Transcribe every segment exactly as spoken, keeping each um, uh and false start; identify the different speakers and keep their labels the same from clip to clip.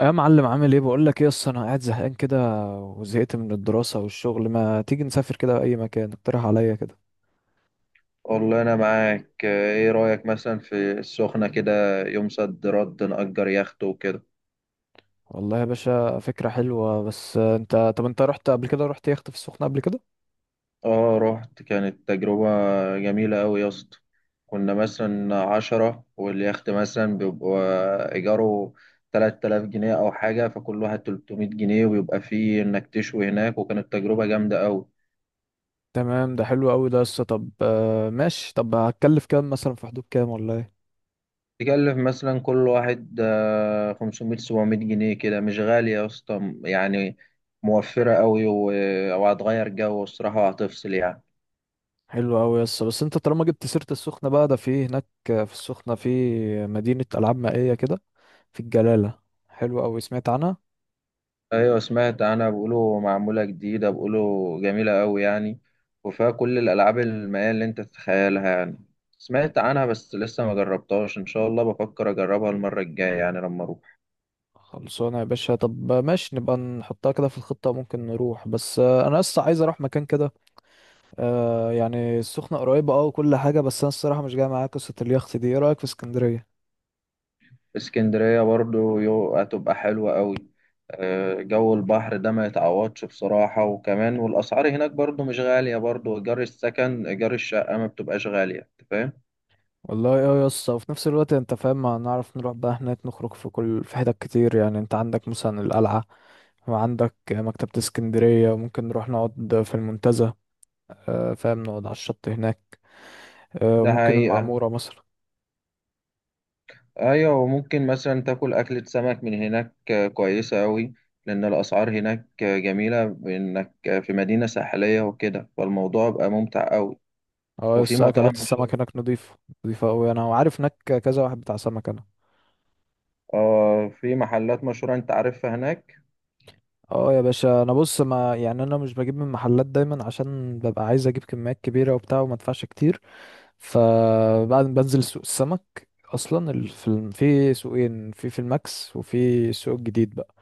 Speaker 1: يا معلم، عامل ايه؟ بقول لك ايه، اصل انا قاعد زهقان كده، وزهقت من الدراسة والشغل. ما تيجي نسافر كده اي مكان؟ اقترح عليا كده.
Speaker 2: والله أنا معاك. إيه رأيك مثلا في السخنة كده؟ يوم صد رد نأجر يخت وكده.
Speaker 1: والله يا باشا فكرة حلوة. بس انت طب انت رحت قبل كده رحت يخت في السخنة قبل كده؟
Speaker 2: آه، رحت. كانت تجربة جميلة أوي يا اسطى. كنا مثلا عشرة، واليخت مثلا بيبقى إيجاره تلات آلاف جنيه أو حاجة، فكل واحد تلتمية جنيه. وبيبقى فيه إنك تشوي هناك. وكانت تجربة جامدة أوي.
Speaker 1: تمام، ده حلو قوي ده لسه. طب آه، ماشي. طب هتكلف كام مثلا؟ في حدود كام، ولا ايه؟
Speaker 2: تكلف مثلا كل واحد آه، خمسمائة سبعمائة جنيه كده، مش غالية يا اسطى يعني. موفرة قوي و- وهتغير جو الصراحة وهتفصل يعني.
Speaker 1: حلو قوي، يس. بس انت طالما جبت سيرة السخنة بقى، ده في هناك في السخنة في مدينة ألعاب مائية كده، في الجلالة. حلو قوي، سمعت عنها.
Speaker 2: ايوه، سمعت. انا بقوله معمولة جديدة، بقوله جميلة قوي يعني. وفيها كل الالعاب المائية اللي انت تتخيلها يعني. سمعت عنها بس لسه ما جربتهاش. ان شاء الله بفكر اجربها المرة الجاية يعني لما اروح.
Speaker 1: خلصانة يا باشا، طب ماشي، نبقى نحطها كده في الخطة. ممكن نروح، بس آه، أنا لسه عايز أروح مكان كده. آه، يعني السخنة قريبة أه وكل حاجة، بس أنا الصراحة مش جاي معايا قصة اليخت دي. إيه رأيك في اسكندرية؟
Speaker 2: اسكندرية برضو يو- هتبقى حلوة قوي. آه، جو البحر ده ما يتعوضش بصراحة. وكمان والأسعار هناك برضو مش غالية، برضو إيجار السكن إيجار الشقة ما بتبقاش غالية، أنت فاهم.
Speaker 1: والله أه يا اسطى، وفي نفس الوقت أنت فاهم، ما نعرف نروح بقى هناك نخرج في كل، في حتت كتير يعني. أنت عندك مثلا القلعة، وعندك مكتبة اسكندرية، وممكن نروح نقعد في المنتزه، آه، فاهم، نقعد على الشط هناك، آه،
Speaker 2: ده
Speaker 1: ممكن
Speaker 2: حقيقة.
Speaker 1: المعمورة مثلا.
Speaker 2: أيوة، وممكن مثلا تاكل أكلة سمك من هناك آه، كويسة قوي. لأن الأسعار هناك آه، جميلة، بإنك آه، في مدينة ساحلية وكده، فالموضوع بقى ممتع قوي.
Speaker 1: اه
Speaker 2: وفي
Speaker 1: بس
Speaker 2: مطاعم
Speaker 1: اكلات
Speaker 2: مشهورة.
Speaker 1: السمك هناك نضيفة؟ نضيفة قوي، انا عارف هناك كذا واحد بتاع سمك انا.
Speaker 2: آه، في محلات مشهورة أنت عارفها هناك.
Speaker 1: اه يا باشا، انا بص، ما يعني انا مش بجيب من محلات دايما، عشان ببقى عايز اجيب كميات كبيرة وبتاع وما ادفعش كتير. فبعد ما بنزل سوق السمك اصلا، ال- في الم- في سوقين، في في الماكس وفي السوق الجديد بقى.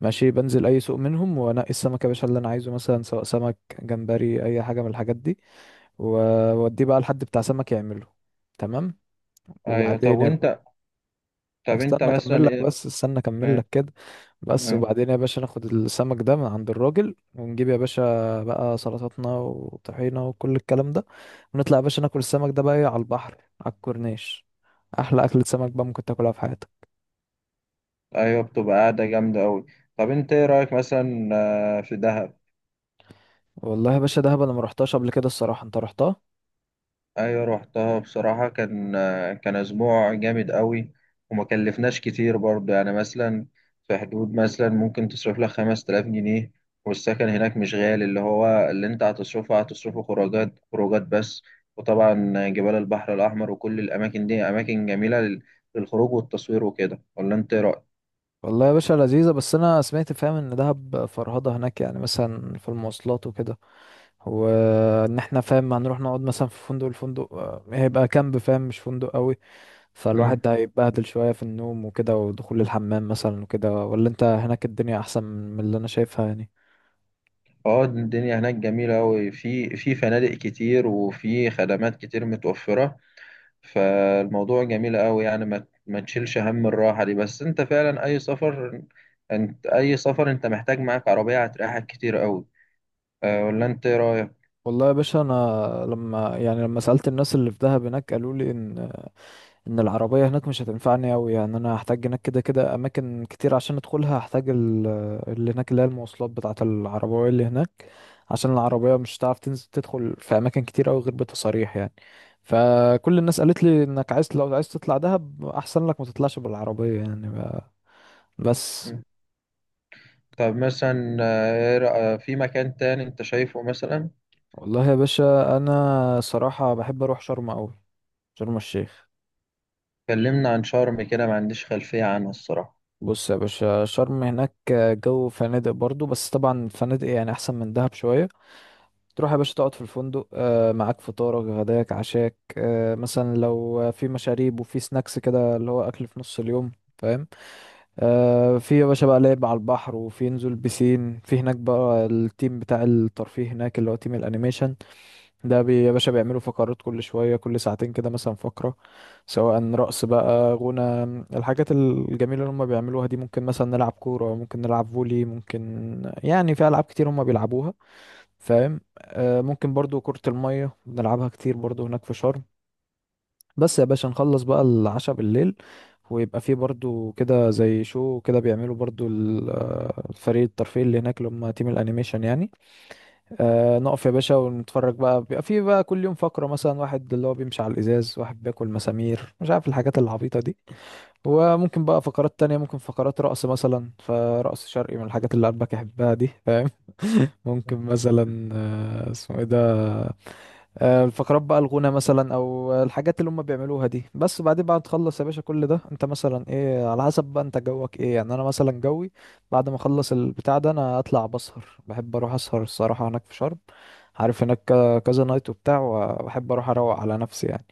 Speaker 1: ماشي، بنزل اي سوق منهم وانقي السمك يا باشا اللي انا عايزه، مثلا سواء سمك، جمبري، اي حاجة من الحاجات دي. واوديه بقى لحد بتاع سمك يعمله. تمام.
Speaker 2: أيوة. طب
Speaker 1: وبعدين،
Speaker 2: وأنت طب أنت
Speaker 1: استنى اكمل
Speaker 2: مثلا
Speaker 1: لك
Speaker 2: إيه؟
Speaker 1: بس استنى اكمل لك كده. بس
Speaker 2: مم.
Speaker 1: وبعدين يا باشا، ناخد السمك ده من عند الراجل، ونجيب يا باشا بقى سلطاتنا وطحينة وكل الكلام ده. ونطلع يا باشا ناكل السمك ده بقى إيه، على البحر على الكورنيش. احلى اكلة سمك بقى ممكن تاكلها في حياتك.
Speaker 2: ايوه، بتبقى قاعده جامده قوي. طب انت ايه رايك مثلا آه، في دهب؟
Speaker 1: والله يا باشا دهب، انا ما رحتهاش قبل كده الصراحة. انت رحتها؟
Speaker 2: ايوه، روحتها بصراحه كان آه، كان اسبوع جامد قوي. وما كلفناش كتير برضه يعني. مثلا في حدود مثلا ممكن تصرف لك خمس تلاف جنيه. والسكن هناك مش غالي. اللي هو اللي انت هتصرفه هتصرفه خروجات خروجات بس. وطبعا جبال البحر الاحمر وكل الاماكن دي اماكن جميله لل- للخروج والتصوير وكده. ولا انت ايه
Speaker 1: والله يا باشا لذيذة. بس انا سمعت فاهم ان دهب فرهضة هناك، يعني مثلا في المواصلات وكده، وان احنا فاهم هنروح نقعد مثلا في فندق، الفندق آه، هيبقى كامب فاهم، مش فندق قوي. فالواحد
Speaker 2: رايك؟
Speaker 1: ده هيتبهدل شوية في النوم وكده، ودخول الحمام مثلا وكده. ولا انت هناك الدنيا احسن من اللي انا شايفها يعني؟
Speaker 2: اه، الدنيا هناك جميلة أوي. في في فنادق كتير وفي خدمات كتير متوفرة. فالموضوع جميل أوي يعني، ما ما تشيلش هم الراحة دي. بس أنت فعلا أي سفر، أنت أي سفر أنت محتاج معاك عربية، هتريحك كتير أوي. أه، ولا أنت إيه رأيك؟
Speaker 1: والله يا باشا انا، لما يعني لما سألت الناس اللي في دهب هناك، قالوا لي ان ان العربية هناك مش هتنفعني قوي يعني. انا هحتاج هناك كده كده اماكن كتير عشان ادخلها، هحتاج ال- اللي هناك، اللي هي المواصلات بتاعة العربية اللي هناك، عشان العربية مش هتعرف تنزل تدخل في اماكن كتير قوي غير بتصاريح يعني. فكل الناس قالت لي انك عايز، لو عايز تطلع دهب احسن لك ما تطلعش بالعربية يعني. بس.
Speaker 2: مم. طب مثلا آه، إيه رأ- آه، في مكان تاني أنت شايفه مثلا؟
Speaker 1: والله يا باشا انا صراحة بحب اروح شرم اوي، شرم الشيخ.
Speaker 2: كلمنا عن شرم كده، ما عنديش خلفية عنها الصراحة.
Speaker 1: بص يا باشا، شرم هناك جو فنادق برضو، بس طبعا فنادق يعني احسن من دهب شوية. تروح يا باشا تقعد في الفندق، آه، معاك فطارك غداك عشاك، آه، مثلا لو في مشاريب وفي سناكس كده اللي هو اكل في نص اليوم، فاهم. آه في يا باشا بقى لعب على البحر، وفي نزول بسين في هناك بقى. التيم بتاع الترفيه هناك اللي هو تيم الانيميشن ده، بي يا باشا بيعملوا فقرات كل شوية، كل ساعتين كده مثلا فقرة، سواء رقص بقى، غنى، الحاجات الجميلة اللي هم بيعملوها دي. ممكن مثلا نلعب كورة، ممكن نلعب فولي، ممكن يعني في ألعاب كتير هم بيلعبوها فاهم. آه ممكن برضو كرة المية بنلعبها كتير برضو هناك في شرم. بس يا باشا نخلص بقى العشاء بالليل، ويبقى فيه برضو كده زي شو كده، بيعملوا برضو ال- آه، فريق الترفيه اللي هناك اللي هم تيم الانيميشن يعني. آه نقف يا باشا ونتفرج بقى. بيبقى في بقى كل يوم فقرة، مثلا واحد اللي هو بيمشي على الإزاز، واحد بياكل مسامير، مش عارف الحاجات العبيطة دي. وممكن بقى فقرات تانية، ممكن فقرات رقص مثلا، فرقص شرقي من الحاجات اللي قلبك يحبها دي فاهم. ممكن مثلا آه اسمه ايه ده، آه الفقرات بقى الغنى مثلا، او الحاجات اللي هم بيعملوها دي. بس بعدين بعد تخلص يا باشا كل ده، انت مثلا ايه على حسب بقى انت جوك ايه يعني. انا مثلا جوي بعد ما اخلص البتاع ده، انا اطلع بسهر، بحب اروح اسهر الصراحة هناك في شرم. عارف هناك ك- كذا نايت وبتاع، وبحب اروح اروق على نفسي يعني.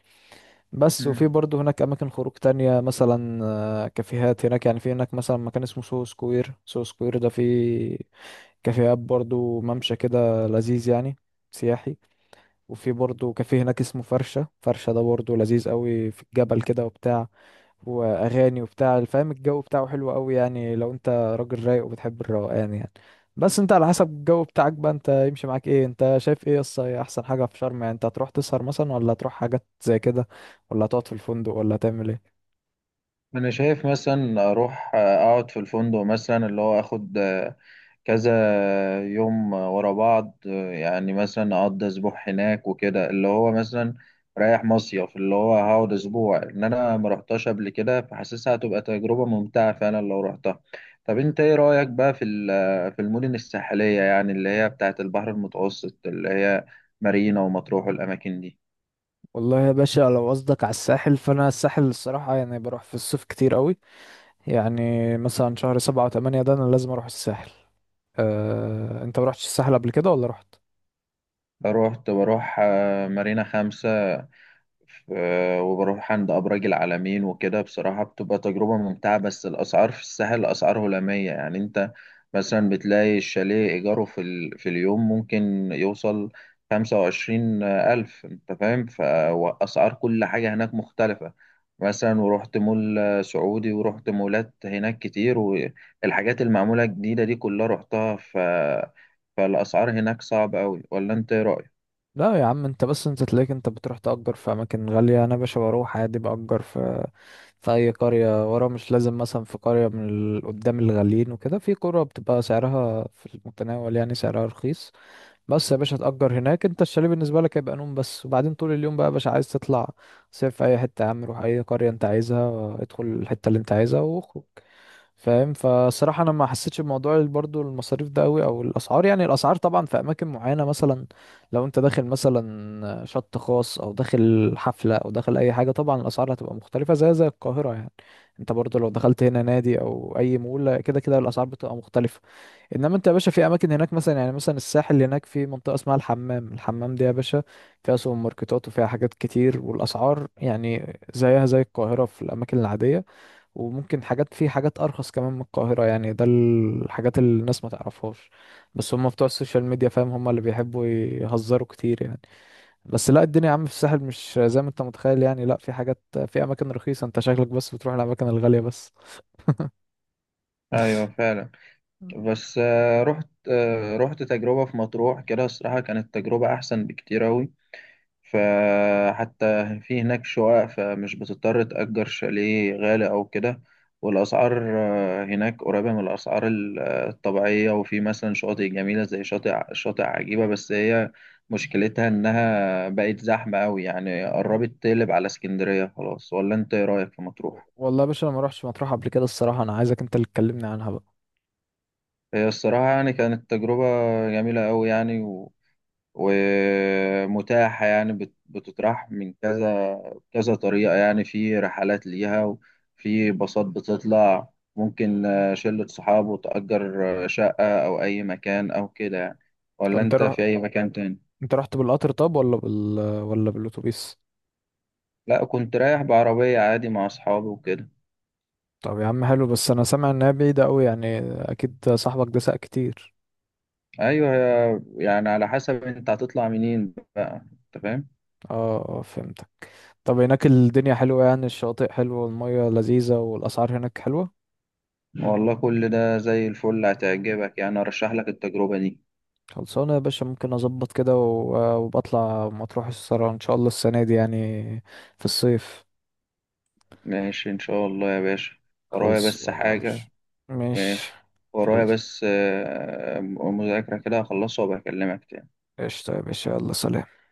Speaker 1: بس. وفي
Speaker 2: مم.
Speaker 1: برضه هناك اماكن خروج تانية، مثلا آه، كافيهات هناك يعني. في هناك مثلا مكان اسمه سو سكوير، سو سكوير ده فيه كافيهات برضه، ممشى كده لذيذ يعني، سياحي. وفي برضه كافيه هناك اسمه فرشة، فرشة ده برضه لذيذ قوي، في الجبل كده وبتاع، واغاني وبتاع فاهم. الجو بتاعه حلو قوي يعني، لو انت راجل رايق وبتحب الروقان يعني. بس انت على حسب الجو بتاعك بقى، انت يمشي معاك ايه، انت شايف ايه. يس هي احسن حاجه في شرم يعني. انت هتروح تسهر مثلا، ولا هتروح حاجات زي كده، ولا هتقعد في الفندق، ولا هتعمل ايه؟
Speaker 2: أنا شايف مثلا أروح آه، أقعد في الفندق مثلا اللي هو آخد آه، كذا يوم ورا بعض يعني. مثلا اقضي اسبوع هناك وكده، اللي هو مثلا رايح مصيف، اللي هو هقعد اسبوع، ان انا ما رحتش قبل كده، فحاسسها هتبقى تجربة ممتعة فعلا لو رحتها. طب انت ايه رأيك بقى في ال- في المدن الساحلية يعني، اللي هي بتاعه البحر المتوسط، اللي هي مارينا ومطروح والاماكن دي.
Speaker 1: والله يا باشا لو قصدك على الساحل، فانا الساحل الصراحه يعني بروح في الصيف كتير قوي يعني. مثلا شهر سبعة وثمانية ده انا لازم اروح الساحل. أه... انت ما رحتش الساحل قبل كده، ولا رحت؟
Speaker 2: روحت، بروح آه، مارينا خمسة. ف- وبروح عند أبراج العالمين وكده بصراحة بتبقى تجربة ممتعة. بس الأسعار في الساحل أسعار هلامية، يعني أنت مثلا بتلاقي الشاليه إيجاره في, ال... في اليوم ممكن يوصل خمسة وعشرين ألف، أنت فاهم. فأسعار كل حاجة هناك مختلفة. مثلا ورحت مول سعودي، ورحت مولات هناك كتير، والحاجات المعمولة جديدة دي كلها رحتها ف... فالأسعار هناك صعبة أوي. ولا أنت إيه رأيك؟
Speaker 1: لا يا عم، انت بس انت تلاقيك انت بتروح تأجر في اماكن غالية. انا باشا بروح عادي، بأجر في في اي قرية ورا، مش لازم مثلا في قرية من ال- قدام الغاليين وكده. في قرى بتبقى سعرها في المتناول يعني، سعرها رخيص. بس يا باشا تأجر هناك، انت الشاليه بالنسبة لك هيبقى نوم بس، وبعدين طول اليوم بقى يا باشا عايز تطلع. صيف في اي حتة يا عم، روح اي قرية انت عايزها، ادخل الحتة اللي انت عايزها واخرج، فاهم. فصراحة انا ما حسيتش بموضوع ال- برضو المصاريف ده قوي، او الاسعار يعني. الاسعار طبعا في اماكن معينة، مثلا لو انت داخل مثلا شط خاص، او داخل حفلة، او داخل اي حاجة، طبعا الاسعار هتبقى مختلفة، زي زي القاهرة يعني. انت برضو لو دخلت هنا نادي او اي مول، كده كده الاسعار بتبقى مختلفة. انما انت يا باشا في اماكن هناك، مثلا يعني مثلا الساحل هناك في منطقة اسمها الحمام. الحمام دي يا باشا فيها سوبر ماركتات، وفيها حاجات كتير، والاسعار يعني زيها زي القاهرة في الاماكن العادية. وممكن حاجات، في حاجات ارخص كمان من القاهره يعني. ده الحاجات اللي الناس ما تعرفهاش، بس هم بتوع السوشيال ميديا فاهم، هم اللي بيحبوا يهزروا كتير يعني. بس لا، الدنيا يا عم في الساحل مش زي ما انت متخيل يعني. لا، في حاجات، في اماكن رخيصه، انت شكلك بس بتروح الاماكن الغاليه بس.
Speaker 2: أيوه، فعلا. بس آه، رحت آه، رحت تجربة في مطروح كده الصراحة، كانت تجربة أحسن بكتير أوي. فحتى في هناك شقق، فمش بتضطر تأجر شاليه غالي أو كده. والأسعار آه، هناك قريبة من الأسعار ال- آه، الطبيعية. وفي مثلا شواطئ جميلة زي شاطئ شاطئ عجيبة. بس هي مشكلتها إنها بقت زحمة أوي يعني، قربت تقلب على اسكندرية خلاص. ولا أنت إيه رأيك في مطروح؟
Speaker 1: والله يا باشا انا ما روحتش مطروح قبل كده الصراحه، انا عايزك انت اللي تكلمني عنها بقى.
Speaker 2: هي الصراحة يعني، كانت تجربة جميلة أوي يعني. ومتاحة يعني، بت- بتتراح من كذا كذا طريقة يعني، في رحلات ليها وفي باصات بتطلع. ممكن آه، شلة صحاب وتأجر آه، شقة أو أي مكان أو كده يعني. ولا
Speaker 1: انت
Speaker 2: أنت
Speaker 1: رح...
Speaker 2: في أي مكان تاني؟
Speaker 1: انت رحت بالقطر طب، ولا بال، ولا بالاتوبيس؟
Speaker 2: لا، كنت رايح بعربية عادي مع أصحابي وكده.
Speaker 1: طب يا عم حلو. بس انا سامع انها بعيده قوي يعني، اكيد صاحبك ده ساق كتير.
Speaker 2: أيوه، يا- يعني على حسب أنت هتطلع منين بقى، أنت فاهم؟
Speaker 1: اه اه، فهمت. طب هناك الدنيا حلوة يعني؟ الشواطئ حلوة، والمية لذيذة، والأسعار هناك حلوة؟
Speaker 2: والله، كل ده زي الفل هتعجبك يعني، أرشح لك التجربة دي.
Speaker 1: خلصانة يا باشا، ممكن أظبط كده و- وبطلع مطروح الصراحة إن شاء الله السنة دي يعني، في الصيف.
Speaker 2: ماشي إن شاء الله يا باشا. ورايا
Speaker 1: خلص
Speaker 2: بس
Speaker 1: والله يا باشا.
Speaker 2: حاجة.
Speaker 1: ماشي.
Speaker 2: ماشي. ورايا
Speaker 1: خلص،
Speaker 2: بس آه، مذاكرة كده، هخلصها وبكلمك تاني.
Speaker 1: قشطة يا باشا، يلا سلام.